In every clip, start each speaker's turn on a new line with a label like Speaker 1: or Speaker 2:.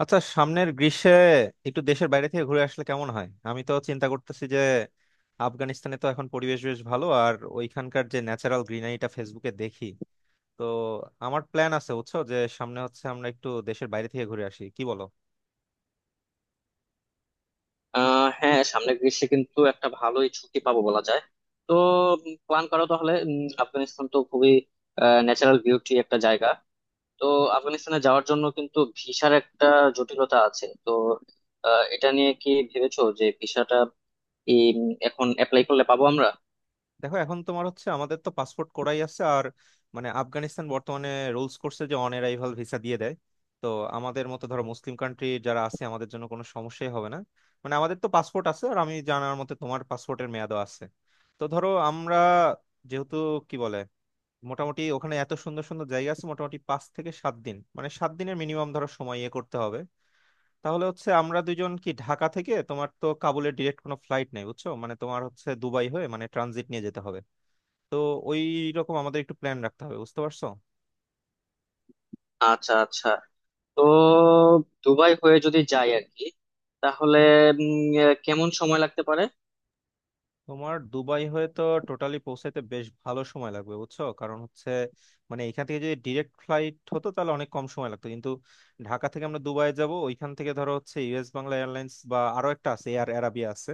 Speaker 1: আচ্ছা সামনের গ্রীষ্মে একটু দেশের বাইরে থেকে ঘুরে আসলে কেমন হয়? আমি তো চিন্তা করতেছি যে আফগানিস্তানে তো এখন পরিবেশ বেশ ভালো, আর ওইখানকার যে ন্যাচারাল গ্রিনারিটা ফেসবুকে দেখি। তো আমার প্ল্যান আছে, বুঝছো, যে সামনে হচ্ছে আমরা একটু দেশের বাইরে থেকে ঘুরে আসি, কি বলো?
Speaker 2: হ্যাঁ, সামনে গ্রীষ্মে কিন্তু একটা ভালোই ছুটি পাবো বলা যায়। তো প্ল্যান করো তাহলে। আফগানিস্তান তো খুবই ন্যাচারাল বিউটি একটা জায়গা। তো আফগানিস্তানে যাওয়ার জন্য কিন্তু ভিসার একটা জটিলতা আছে। তো এটা নিয়ে কি ভেবেছো যে ভিসাটা কি, এখন অ্যাপ্লাই করলে পাবো আমরা?
Speaker 1: দেখো এখন তোমার হচ্ছে, আমাদের তো পাসপোর্ট করাই আছে, আর মানে আফগানিস্তান বর্তমানে রুলস করছে যে অন অ্যারাইভাল ভিসা দিয়ে দেয়। তো আমাদের মতো ধরো মুসলিম কান্ট্রি যারা আছে, আমাদের জন্য কোনো সমস্যাই হবে না। মানে আমাদের তো পাসপোর্ট আছে, আর আমি জানার মতে তোমার পাসপোর্টের মেয়াদও আছে। তো ধরো আমরা যেহেতু কি বলে, মোটামুটি ওখানে এত সুন্দর সুন্দর জায়গা আছে, মোটামুটি 5 থেকে 7 দিন, মানে 7 দিনের মিনিমাম ধরো সময় ইয়ে করতে হবে। তাহলে হচ্ছে আমরা দুজন কি ঢাকা থেকে, তোমার তো কাবুলের ডিরেক্ট কোনো ফ্লাইট নেই বুঝছো, মানে তোমার হচ্ছে দুবাই হয়ে মানে ট্রানজিট নিয়ে যেতে হবে। তো ওই রকম আমাদের একটু প্ল্যান রাখতে হবে, বুঝতে পারছো?
Speaker 2: আচ্ছা আচ্ছা। তো দুবাই হয়ে যদি যাই আর কি, তাহলে উম, কেমন সময় লাগতে পারে?
Speaker 1: তোমার দুবাই হয়ে তো টোটালি পৌঁছাইতে বেশ ভালো সময় লাগবে বুঝছো, কারণ হচ্ছে মানে এখান থেকে যদি ডিরেক্ট ফ্লাইট হতো তাহলে অনেক কম সময় লাগতো, কিন্তু ঢাকা থেকে আমরা দুবাই যাব, ওইখান থেকে ধরো হচ্ছে ইউএস বাংলা এয়ারলাইন্স, বা আরো একটা আছে এয়ার অ্যারাবিয়া আছে।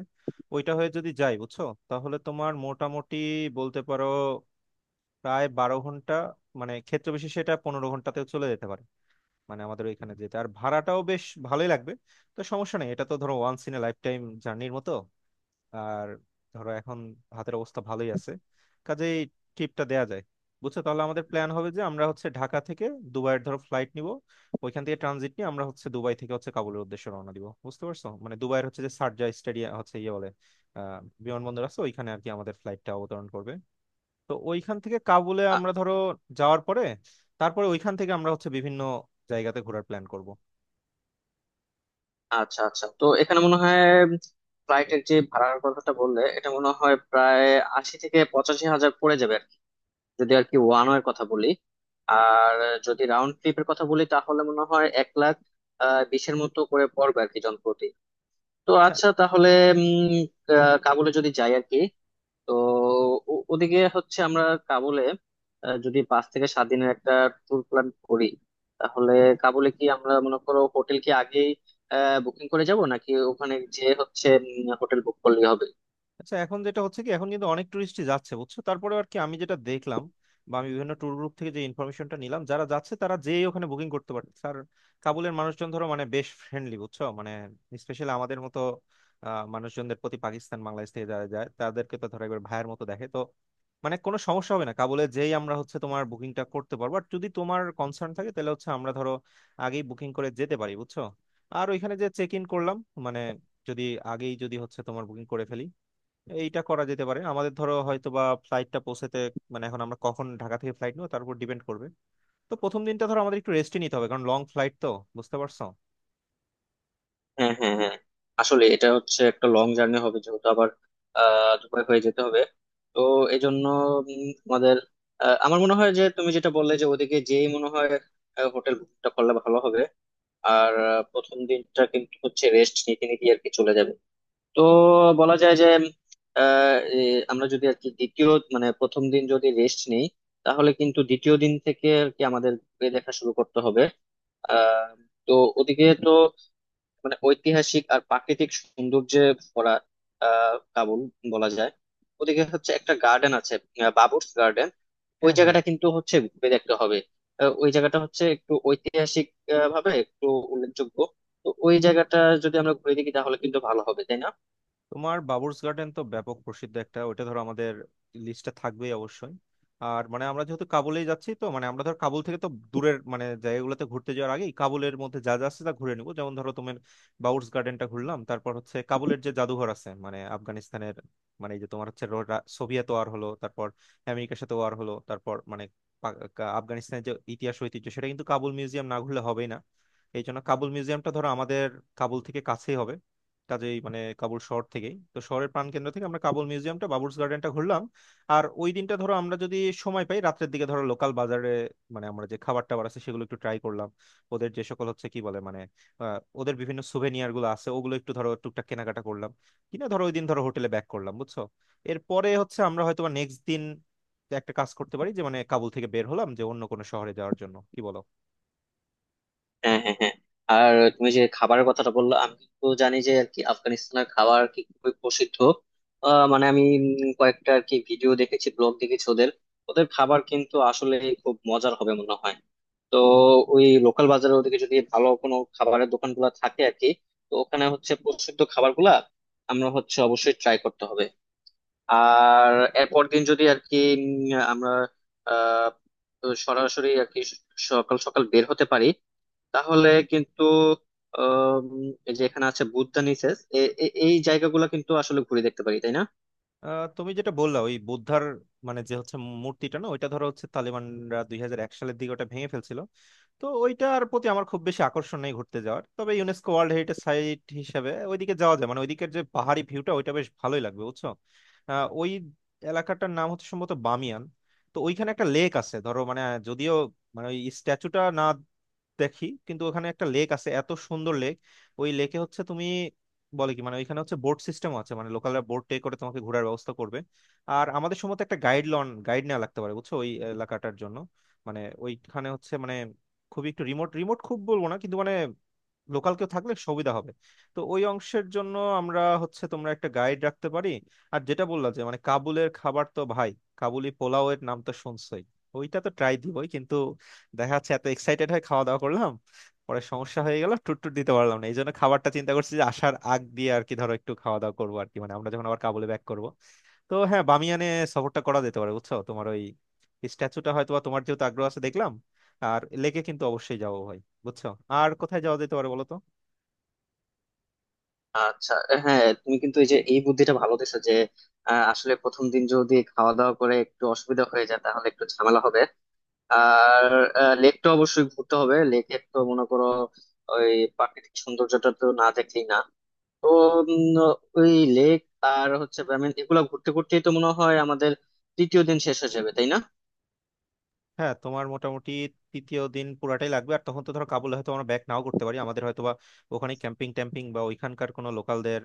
Speaker 1: ওইটা হয়ে যদি যাই বুঝছো, তাহলে তোমার মোটামুটি বলতে পারো প্রায় 12 ঘন্টা, মানে ক্ষেত্র বিশেষে এটা 15 ঘন্টাতেও চলে যেতে পারে। মানে আমাদের ওইখানে যেতে আর ভাড়াটাও বেশ ভালোই লাগবে, তো সমস্যা নেই, এটা তো ধরো once in a lifetime জার্নির মতো। আর ধরো এখন হাতের অবস্থা ভালোই আছে, কাজেই ট্রিপটা দেয়া যায়। বুঝছো, তাহলে আমাদের প্ল্যান হবে যে আমরা হচ্ছে ঢাকা থেকে দুবাইয়ের ধরো ফ্লাইট নিব, ওইখান থেকে ট্রানজিট নিয়ে আমরা হচ্ছে দুবাই থেকে হচ্ছে কাবুলের উদ্দেশ্যে রওনা দিব, বুঝতে পারছো। মানে দুবাইয়ের হচ্ছে যে শারজাহ স্টেডিয়াম হচ্ছে ইয়ে বলে আহ বিমানবন্দর আছে, ওইখানে আর কি আমাদের ফ্লাইটটা অবতরণ করবে। তো ওইখান থেকে কাবুলে আমরা ধরো যাওয়ার পরে, তারপরে ওইখান থেকে আমরা হচ্ছে বিভিন্ন জায়গাতে ঘোরার প্ল্যান করব।
Speaker 2: আচ্ছা আচ্ছা, তো এখানে মনে হয় ফ্লাইটের যে ভাড়ার কথাটা বললে এটা মনে হয় প্রায় 80 থেকে 85 হাজার পড়ে যাবে আর কি, যদি আর কি ওয়ান ওয়ের কথা বলি। আর যদি রাউন্ড ট্রিপের কথা বলি তাহলে মনে হয় 1 লাখ বিশের মতো করে পড়বে আর কি, জনপ্রতি। তো আচ্ছা, তাহলে উম কাবুলে যদি যাই আর কি, তো ওদিকে হচ্ছে আমরা কাবুলে যদি 5 থেকে 7 দিনের একটা ট্যুর প্ল্যান করি, তাহলে কাবুলে কি আমরা মনে করো হোটেল কি আগেই বুকিং করে যাব, নাকি ওখানে যে হচ্ছে হোটেল বুক করলেই হবে?
Speaker 1: আচ্ছা, এখন যেটা হচ্ছে কি, এখন কিন্তু অনেক টুরিস্টই যাচ্ছে বুঝছো, তারপরে আর কি আমি যেটা দেখলাম বা আমি বিভিন্ন ট্যুর গ্রুপ থেকে যে ইনফরমেশনটা নিলাম, যারা যাচ্ছে তারা যেই ওখানে বুকিং করতে পারছে। আর কাবুলের মানুষজন ধরো মানে বেশ ফ্রেন্ডলি বুঝছো, মানে স্পেশালি আমাদের মতো মানুষজনদের প্রতি, পাকিস্তান বাংলাদেশ থেকে যারা যায় তাদেরকে তো ধরো একবার ভাইয়ের মতো দেখে, তো মানে কোনো সমস্যা হবে না। কাবুলে যেই আমরা হচ্ছে তোমার বুকিংটা করতে পারবো, আর যদি তোমার কনসার্ন থাকে তাহলে হচ্ছে আমরা ধরো আগেই বুকিং করে যেতে পারি, বুঝছো। আর ওইখানে যে চেক ইন করলাম, মানে যদি আগেই যদি হচ্ছে তোমার বুকিং করে ফেলি, এইটা করা যেতে পারে। আমাদের ধরো হয়তো বা ফ্লাইটটা পৌঁছাতে, মানে এখন আমরা কখন ঢাকা থেকে ফ্লাইট নেবো তার উপর ডিপেন্ড করবে। তো প্রথম দিনটা ধরো আমাদের একটু রেস্টই নিতে হবে, কারণ লং ফ্লাইট তো, বুঝতে পারছো।
Speaker 2: হ্যাঁ হ্যাঁ হ্যাঁ, আসলে এটা হচ্ছে একটা লং জার্নি হবে যেহেতু আবার দুবাই হয়ে যেতে হবে। তো এই জন্য আমাদের আমার মনে হয় যে তুমি যেটা বললে যে ওদিকে যেই মনে হয় হোটেল বুকটা করলে ভালো হবে। আর প্রথম দিনটা কিন্তু হচ্ছে রেস্ট নিতে নিতে আর কি চলে যাবে। তো বলা যায় যে আহ, এ, আমরা যদি আর কি দ্বিতীয়, মানে প্রথম দিন যদি রেস্ট নেই তাহলে কিন্তু দ্বিতীয় দিন থেকে আর কি আমাদের ঘুরে দেখা শুরু করতে হবে। আহ তো ওদিকে তো মানে ঐতিহাসিক আর প্রাকৃতিক সৌন্দর্যে ভরা কাবুল বলা যায়। ওদিকে হচ্ছে একটা গার্ডেন আছে, বাবুর্স গার্ডেন। ওই
Speaker 1: হ্যাঁ হ্যাঁ,
Speaker 2: জায়গাটা কিন্তু হচ্ছে ঘুরে দেখতে হবে। ওই জায়গাটা হচ্ছে একটু ঐতিহাসিক ভাবে একটু উল্লেখযোগ্য। তো ওই জায়গাটা যদি আমরা ঘুরে দেখি তাহলে কিন্তু ভালো হবে, তাই না?
Speaker 1: তোমার বাবুর্স গার্ডেন তো ব্যাপক প্রসিদ্ধ একটা, ওটা ধরো আমাদের লিস্টে থাকবেই অবশ্যই। আর মানে আমরা যেহেতু কাবুলেই যাচ্ছি, তো মানে আমরা ধর কাবুল থেকে তো দূরের মানে জায়গাগুলোতে ঘুরতে যাওয়ার আগেই কাবুলের মধ্যে যা যা আছে তা ঘুরে নিবো। যেমন ধরো তোমার বাবুর্স গার্ডেনটা ঘুরলাম, তারপর হচ্ছে কাবুলের যে জাদুঘর আছে মানে আফগানিস্তানের, মানে এই যে তোমার হচ্ছে সোভিয়েত ওয়ার হলো, তারপর আমেরিকার সাথে ওয়ার হলো, তারপর মানে আফগানিস্তানের যে ইতিহাস ঐতিহ্য সেটা কিন্তু কাবুল মিউজিয়াম না ঘুরলে হবেই না। এই জন্য কাবুল মিউজিয়ামটা ধরো আমাদের কাবুল থেকে কাছেই হবে, কাজেই মানে কাবুল শহর থেকেই তো, শহরের প্রাণকেন্দ্র থেকে আমরা কাবুল মিউজিয়ামটা বাবুর্চ গার্ডেনটা ঘুরলাম। আর ওই দিনটা ধরো আমরা যদি সময় পাই, রাত্রের দিকে ধরো লোকাল বাজারে, মানে আমরা যে খাবার টাবার আছে সেগুলো একটু ট্রাই করলাম, ওদের যে সকল হচ্ছে কি বলে মানে ওদের বিভিন্ন সুভেনিয়ার গুলো আছে, ওগুলো একটু ধরো টুকটাক কেনাকাটা করলাম কিনা, ধরো ওই দিন ধরো হোটেলে ব্যাক করলাম, বুঝছো। এরপরে হচ্ছে আমরা হয়তো নেক্সট দিন একটা কাজ করতে পারি যে মানে কাবুল থেকে বের হলাম যে অন্য কোনো শহরে যাওয়ার জন্য, কি বলো?
Speaker 2: হ্যাঁ হ্যাঁ হ্যাঁ। আর তুমি যে খাবারের কথাটা বললো, আমি তো জানি যে আর কি আফগানিস্তানের খাবার কি খুবই প্রসিদ্ধ। মানে আমি কয়েকটা আর কি ভিডিও দেখেছি, ব্লগ দেখেছি ওদের। ওদের খাবার কিন্তু আসলে খুব মজার হবে মনে হয়। তো ওই লোকাল বাজারের ওদিকে যদি ভালো কোনো খাবারের দোকান গুলা থাকে আর কি, তো ওখানে হচ্ছে প্রসিদ্ধ খাবার গুলা আমরা হচ্ছে অবশ্যই ট্রাই করতে হবে। আর এরপর দিন যদি আর কি আমরা আহ, তো সরাসরি আর কি সকাল সকাল বের হতে পারি, তাহলে কিন্তু আম, এই যে এখানে আছে বুদ্ধা নিসেস এই জায়গাগুলো কিন্তু আসলে ঘুরে দেখতে পারি, তাই না?
Speaker 1: তুমি যেটা বললা ওই বুদ্ধার মানে যে হচ্ছে মূর্তিটা না, ওইটা ধরো হচ্ছে তালিবানরা 2001 সালের দিকে ওটা ভেঙে ফেলছিল। তো ওইটার প্রতি আমার খুব বেশি আকর্ষণ নেই ঘুরতে যাওয়ার, তবে ইউনেস্কো ওয়ার্ল্ড হেরিটেজ সাইট হিসেবে ওইদিকে যাওয়া যায়, মানে ওইদিকের যে পাহাড়ি ভিউটা ওইটা বেশ ভালোই লাগবে বুঝছো। ওই এলাকাটার নাম হচ্ছে সম্ভবত বামিয়ান। তো ওইখানে একটা লেক আছে ধরো, মানে যদিও মানে ওই স্ট্যাচুটা না দেখি, কিন্তু ওখানে একটা লেক আছে এত সুন্দর লেক। ওই লেকে হচ্ছে তুমি বলে কি, মানে ওইখানে হচ্ছে বোট সিস্টেম আছে, মানে লোকালরা বোট টে করে তোমাকে ঘোরার ব্যবস্থা করবে। আর আমাদের সম্ভবত একটা গাইড লন গাইড নেওয়া লাগতে পারে বুঝছো ওই এলাকাটার জন্য। মানে ওইখানে হচ্ছে মানে খুবই একটু রিমোট রিমোট খুব বলবো না, কিন্তু মানে লোকাল কেউ থাকলে সুবিধা হবে, তো ওই অংশের জন্য আমরা হচ্ছে তোমরা একটা গাইড রাখতে পারি। আর যেটা বললা যে মানে কাবুলের খাবার তো ভাই, কাবুলি পোলাও এর নাম তো শুনছই, ওইটা তো ট্রাই দিবই, কিন্তু দেখা যাচ্ছে এত এক্সাইটেড হয়ে খাওয়া দাওয়া করলাম পরে সমস্যা হয়ে গেল, টুট টুট দিতে পারলাম না, এই জন্য খাবারটা চিন্তা করছি যে আসার আগ দিয়ে আর কি ধরো একটু খাওয়া দাওয়া করবো আর কি, মানে আমরা যখন আবার কাবুলে ব্যাক করবো। তো হ্যাঁ, বামিয়ানে সফরটা করা যেতে পারে বুঝছো, তোমার ওই স্ট্যাচুটা হয়তো বা, তোমার যেহেতু আগ্রহ আছে দেখলাম। আর লেকে কিন্তু অবশ্যই যাবো ভাই, বুঝছো। আর কোথায় যাওয়া যেতে পারে বলো তো?
Speaker 2: আচ্ছা, হ্যাঁ তুমি কিন্তু এই যে এই বুদ্ধিটা ভালো দিছো যে আসলে প্রথম দিন যদি খাওয়া দাওয়া করে একটু অসুবিধা হয়ে যায় তাহলে একটু ঝামেলা হবে। আর লেকটা অবশ্যই ঘুরতে হবে। লেকের তো মনে করো ওই প্রাকৃতিক সৌন্দর্যটা তো না দেখলেই না। তো উম, ওই লেক আর হচ্ছে I mean, এগুলা ঘুরতে ঘুরতেই তো মনে হয় আমাদের তৃতীয় দিন শেষ হয়ে যাবে, তাই না?
Speaker 1: হ্যাঁ, তোমার মোটামুটি তৃতীয় দিন পুরাটাই লাগবে, আর তখন তো ধরো কাবুলে হয়তো আমরা ব্যাক নাও করতে পারি, আমাদের হয়তো বা ওখানে ক্যাম্পিং ট্যাম্পিং বা ওইখানকার কোনো লোকালদের,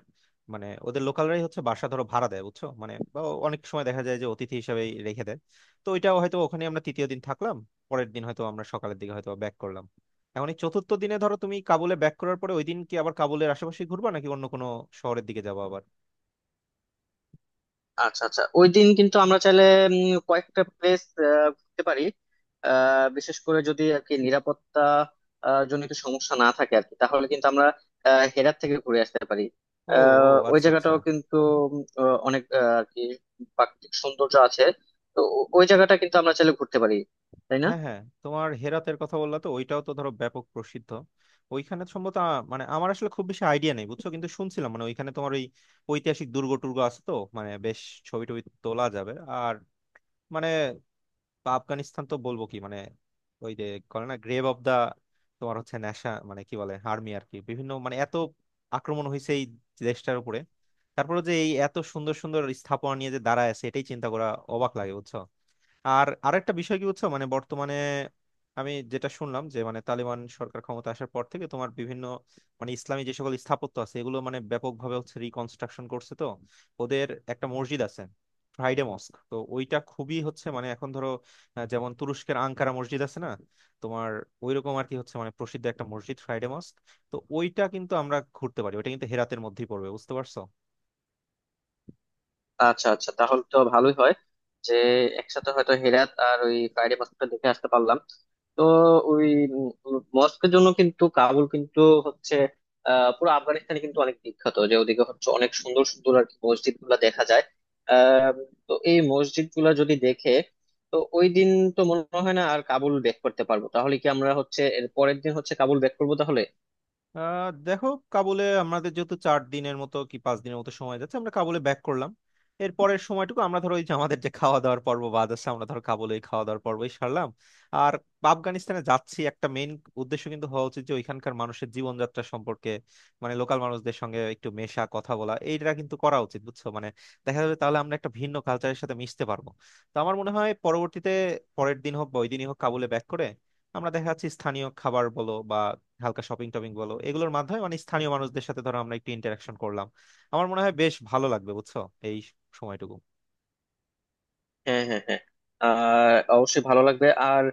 Speaker 1: মানে ওদের লোকালরাই হচ্ছে বাসা ধরো ভাড়া দেয় বুঝছো মানে, বা অনেক সময় দেখা যায় যে অতিথি হিসেবে রেখে দেয়। তো ওইটাও হয়তো, ওখানে আমরা তৃতীয় দিন থাকলাম, পরের দিন হয়তো আমরা সকালের দিকে হয়তো ব্যাক করলাম। এখন এই চতুর্থ দিনে ধরো তুমি কাবুলে ব্যাক করার পরে ওই দিন কি আবার কাবুলের আশেপাশে ঘুরবা নাকি অন্য কোনো শহরের দিকে যাবো আবার?
Speaker 2: আচ্ছা আচ্ছা, ওই দিন কিন্তু আমরা চাইলে কয়েকটা প্লেস ঘুরতে পারি। বিশেষ করে যদি আর কি নিরাপত্তা জনিত সমস্যা না থাকে আর কি, তাহলে কিন্তু আমরা হেরাত থেকে ঘুরে আসতে পারি।
Speaker 1: ও। ও
Speaker 2: ওই
Speaker 1: আচ্ছা আচ্ছা।
Speaker 2: জায়গাটাও কিন্তু অনেক আর কি প্রাকৃতিক সৌন্দর্য আছে। তো ওই জায়গাটা কিন্তু আমরা চাইলে ঘুরতে পারি, তাই না?
Speaker 1: হ্যাঁ হ্যাঁ, তোমার হেরাতের কথা বললা, তো ওইটাও তো ধরো ব্যাপক প্রসিদ্ধ। ওইখানে সম্ভবত মানে আমার আসলে খুব বেশি আইডিয়া নেই বুঝছো, কিন্তু শুনছিলাম মানে ওইখানে তোমার ওই ঐতিহাসিক দুর্গ টুর্গ আছে, তো মানে বেশ ছবি টবি তোলা যাবে। আর মানে আফগানিস্তান তো বলবো কি মানে, ওই যে করে না গ্রেভ অফ দা, তোমার হচ্ছে ন্যাশা মানে কি বলে আর্মি আর কি, বিভিন্ন মানে এত আক্রমণ হয়েছে এই দেশটার উপরে, তারপরে যে এই এত সুন্দর সুন্দর স্থাপনা নিয়ে যে দাঁড়ায় আছে এটাই চিন্তা করা অবাক লাগে বুঝছো। আর আরেকটা বিষয় কি বুঝছো, মানে বর্তমানে আমি যেটা শুনলাম যে মানে তালিবান সরকার ক্ষমতা আসার পর থেকে তোমার বিভিন্ন মানে ইসলামী যে সকল স্থাপত্য আছে এগুলো মানে ব্যাপকভাবে হচ্ছে রিকনস্ট্রাকশন করছে। তো ওদের একটা মসজিদ আছে ফ্রাইডে মস্ক, তো ওইটা খুবই হচ্ছে মানে এখন ধরো, যেমন তুরস্কের আঙ্কারা মসজিদ আছে না তোমার, ওইরকম আর কি হচ্ছে মানে প্রসিদ্ধ একটা মসজিদ ফ্রাইডে মস্ক। তো ওইটা কিন্তু আমরা ঘুরতে পারি, ওইটা কিন্তু হেরাতের মধ্যেই পড়বে বুঝতে পারছো।
Speaker 2: আচ্ছা আচ্ছা, তাহলে তো ভালোই হয় যে একসাথে হয়তো হেরাত আর ওই ফ্রাইডে মস্কটা দেখে আসতে পারলাম। তো ওই মস্কের জন্য কিন্তু কাবুল কিন্তু হচ্ছে পুরো আফগানিস্তানে কিন্তু অনেক বিখ্যাত, যে ওদিকে হচ্ছে অনেক সুন্দর সুন্দর আর কি মসজিদ গুলা দেখা যায়। আহ তো এই মসজিদ গুলা যদি দেখে তো ওই দিন তো মনে হয় না আর কাবুল ব্যাক করতে পারবো। তাহলে কি আমরা হচ্ছে এর পরের দিন হচ্ছে কাবুল ব্যাক করবো তাহলে?
Speaker 1: দেখো, কাবুলে আমাদের যেহেতু 4 দিনের মতো কি 5 দিনের মতো সময় যাচ্ছে, আমরা কাবুলে ব্যাক করলাম, এর পরের সময়টুকু আমরা ধরো ওই যে আমাদের যে খাওয়া দাওয়ার পর্ব বাদ আছে, আমরা ধরো কাবুলে এই খাওয়া দাওয়ার পর্বই সারলাম। আর আফগানিস্তানে যাচ্ছি একটা মেইন উদ্দেশ্য কিন্তু হওয়া উচিত যে ওইখানকার মানুষের জীবনযাত্রা সম্পর্কে, মানে লোকাল মানুষদের সঙ্গে একটু মেশা কথা বলা, এইটা কিন্তু করা উচিত বুঝছো। মানে দেখা যাবে তাহলে আমরা একটা ভিন্ন কালচারের সাথে মিশতে পারবো। তো আমার মনে হয় পরবর্তীতে, পরের দিন হোক বা ওই দিনই হোক, কাবুলে ব্যাক করে আমরা দেখা যাচ্ছে স্থানীয় খাবার বলো বা হালকা শপিং টপিং বলো, এগুলোর মাধ্যমে মানে স্থানীয় মানুষদের সাথে ধরো আমরা একটু ইন্টারাকশন করলাম, আমার মনে হয় বেশ ভালো লাগবে বুঝছো, এই সময়টুকু।
Speaker 2: হ্যাঁ হ্যাঁ হ্যাঁ, আর অবশ্যই ভালো লাগবে। আর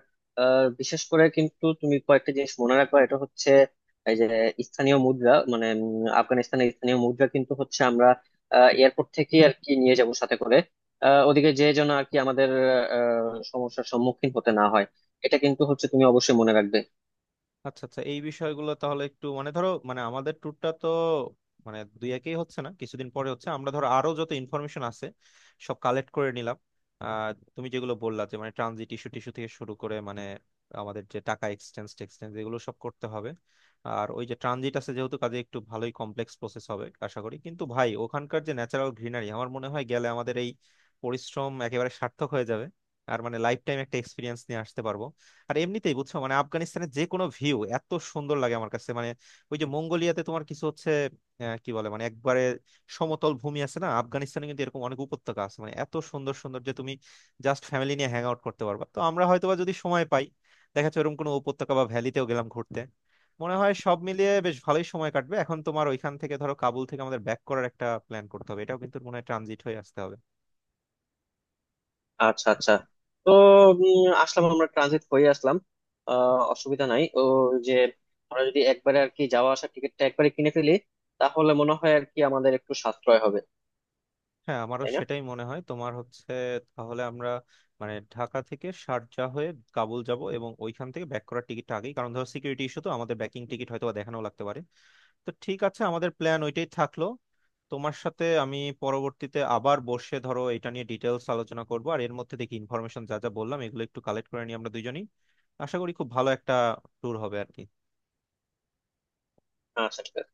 Speaker 2: বিশেষ করে কিন্তু তুমি কয়েকটা জিনিস মনে রাখবা এটা হচ্ছে এই যে স্থানীয় মুদ্রা, মানে আফগানিস্তানের স্থানীয় মুদ্রা কিন্তু হচ্ছে আমরা এয়ারপোর্ট থেকে আর কি নিয়ে যাব সাথে করে। ওদিকে যে যেন আর কি আমাদের আহ, সমস্যার সম্মুখীন হতে না হয়, এটা কিন্তু হচ্ছে তুমি অবশ্যই মনে রাখবে।
Speaker 1: আচ্ছা আচ্ছা, এই বিষয়গুলো তাহলে একটু মানে ধরো, মানে আমাদের ট্যুরটা তো মানে দুই একই হচ্ছে না, কিছুদিন পরে হচ্ছে আমরা ধরো আরো যত ইনফরমেশন আছে সব কালেক্ট করে নিলাম। আহ তুমি যেগুলো বললা যে মানে ট্রানজিট ইস্যু টিস্যু থেকে শুরু করে মানে আমাদের যে টাকা এক্সচেঞ্জ টেক্সচেঞ্জ এগুলো সব করতে হবে। আর ওই যে ট্রানজিট আছে যেহেতু, কাজে একটু ভালোই কমপ্লেক্স প্রসেস হবে আশা করি, কিন্তু ভাই ওখানকার যে ন্যাচারাল গ্রিনারি আমার মনে হয় গেলে আমাদের এই পরিশ্রম একেবারে সার্থক হয়ে যাবে। আর মানে লাইফ টাইম একটা এক্সপিরিয়েন্স নিয়ে আসতে পারবো। আর এমনিতেই বুঝছো মানে আফগানিস্তানের যে কোনো ভিউ এত সুন্দর লাগে আমার কাছে, মানে ওই যে মঙ্গোলিয়াতে তোমার কিছু হচ্ছে কি বলে মানে একবারে সমতল ভূমি আছে না, আফগানিস্তানে কিন্তু এরকম অনেক উপত্যকা আছে, মানে এত সুন্দর সুন্দর যে তুমি জাস্ট ফ্যামিলি নিয়ে হ্যাং আউট করতে পারবা। তো আমরা হয়তোবা যদি সময় পাই, দেখা যাচ্ছে এরকম কোনো উপত্যকা বা ভ্যালিতেও গেলাম ঘুরতে, মনে হয় সব মিলিয়ে বেশ ভালোই সময় কাটবে। এখন তোমার ওইখান থেকে ধরো কাবুল থেকে আমাদের ব্যাক করার একটা প্ল্যান করতে হবে, এটাও কিন্তু মনে হয় ট্রানজিট হয়ে আসতে হবে।
Speaker 2: আচ্ছা আচ্ছা, তো আসলাম আমরা ট্রানজিট হয়ে আসলাম, অসুবিধা নাই, ও যে আমরা যদি একবারে আর কি যাওয়া আসার টিকিটটা একবারে কিনে ফেলি তাহলে মনে হয় আর কি আমাদের একটু সাশ্রয় হবে,
Speaker 1: হ্যাঁ, আমারও
Speaker 2: তাই না?
Speaker 1: সেটাই মনে হয়। তোমার হচ্ছে তাহলে আমরা মানে ঢাকা থেকে শারজা হয়ে কাবুল যাব, এবং ওইখান থেকে ব্যাক করার টিকিটটা আগেই, কারণ ধরো সিকিউরিটি ইস্যু তো, আমাদের ব্যাকিং টিকিট হয়তো বা দেখানো লাগতে পারে। তো ঠিক আছে, আমাদের প্ল্যান ওইটাই থাকলো। তোমার সাথে আমি পরবর্তীতে আবার বসে ধরো এটা নিয়ে ডিটেলস আলোচনা করবো, আর এর মধ্যে দেখি ইনফরমেশন যা যা বললাম এগুলো একটু কালেক্ট করে নিই আমরা দুজনই। আশা করি খুব ভালো একটা ট্যুর হবে আর কি।
Speaker 2: আচ্ছা, ঠিক আছে।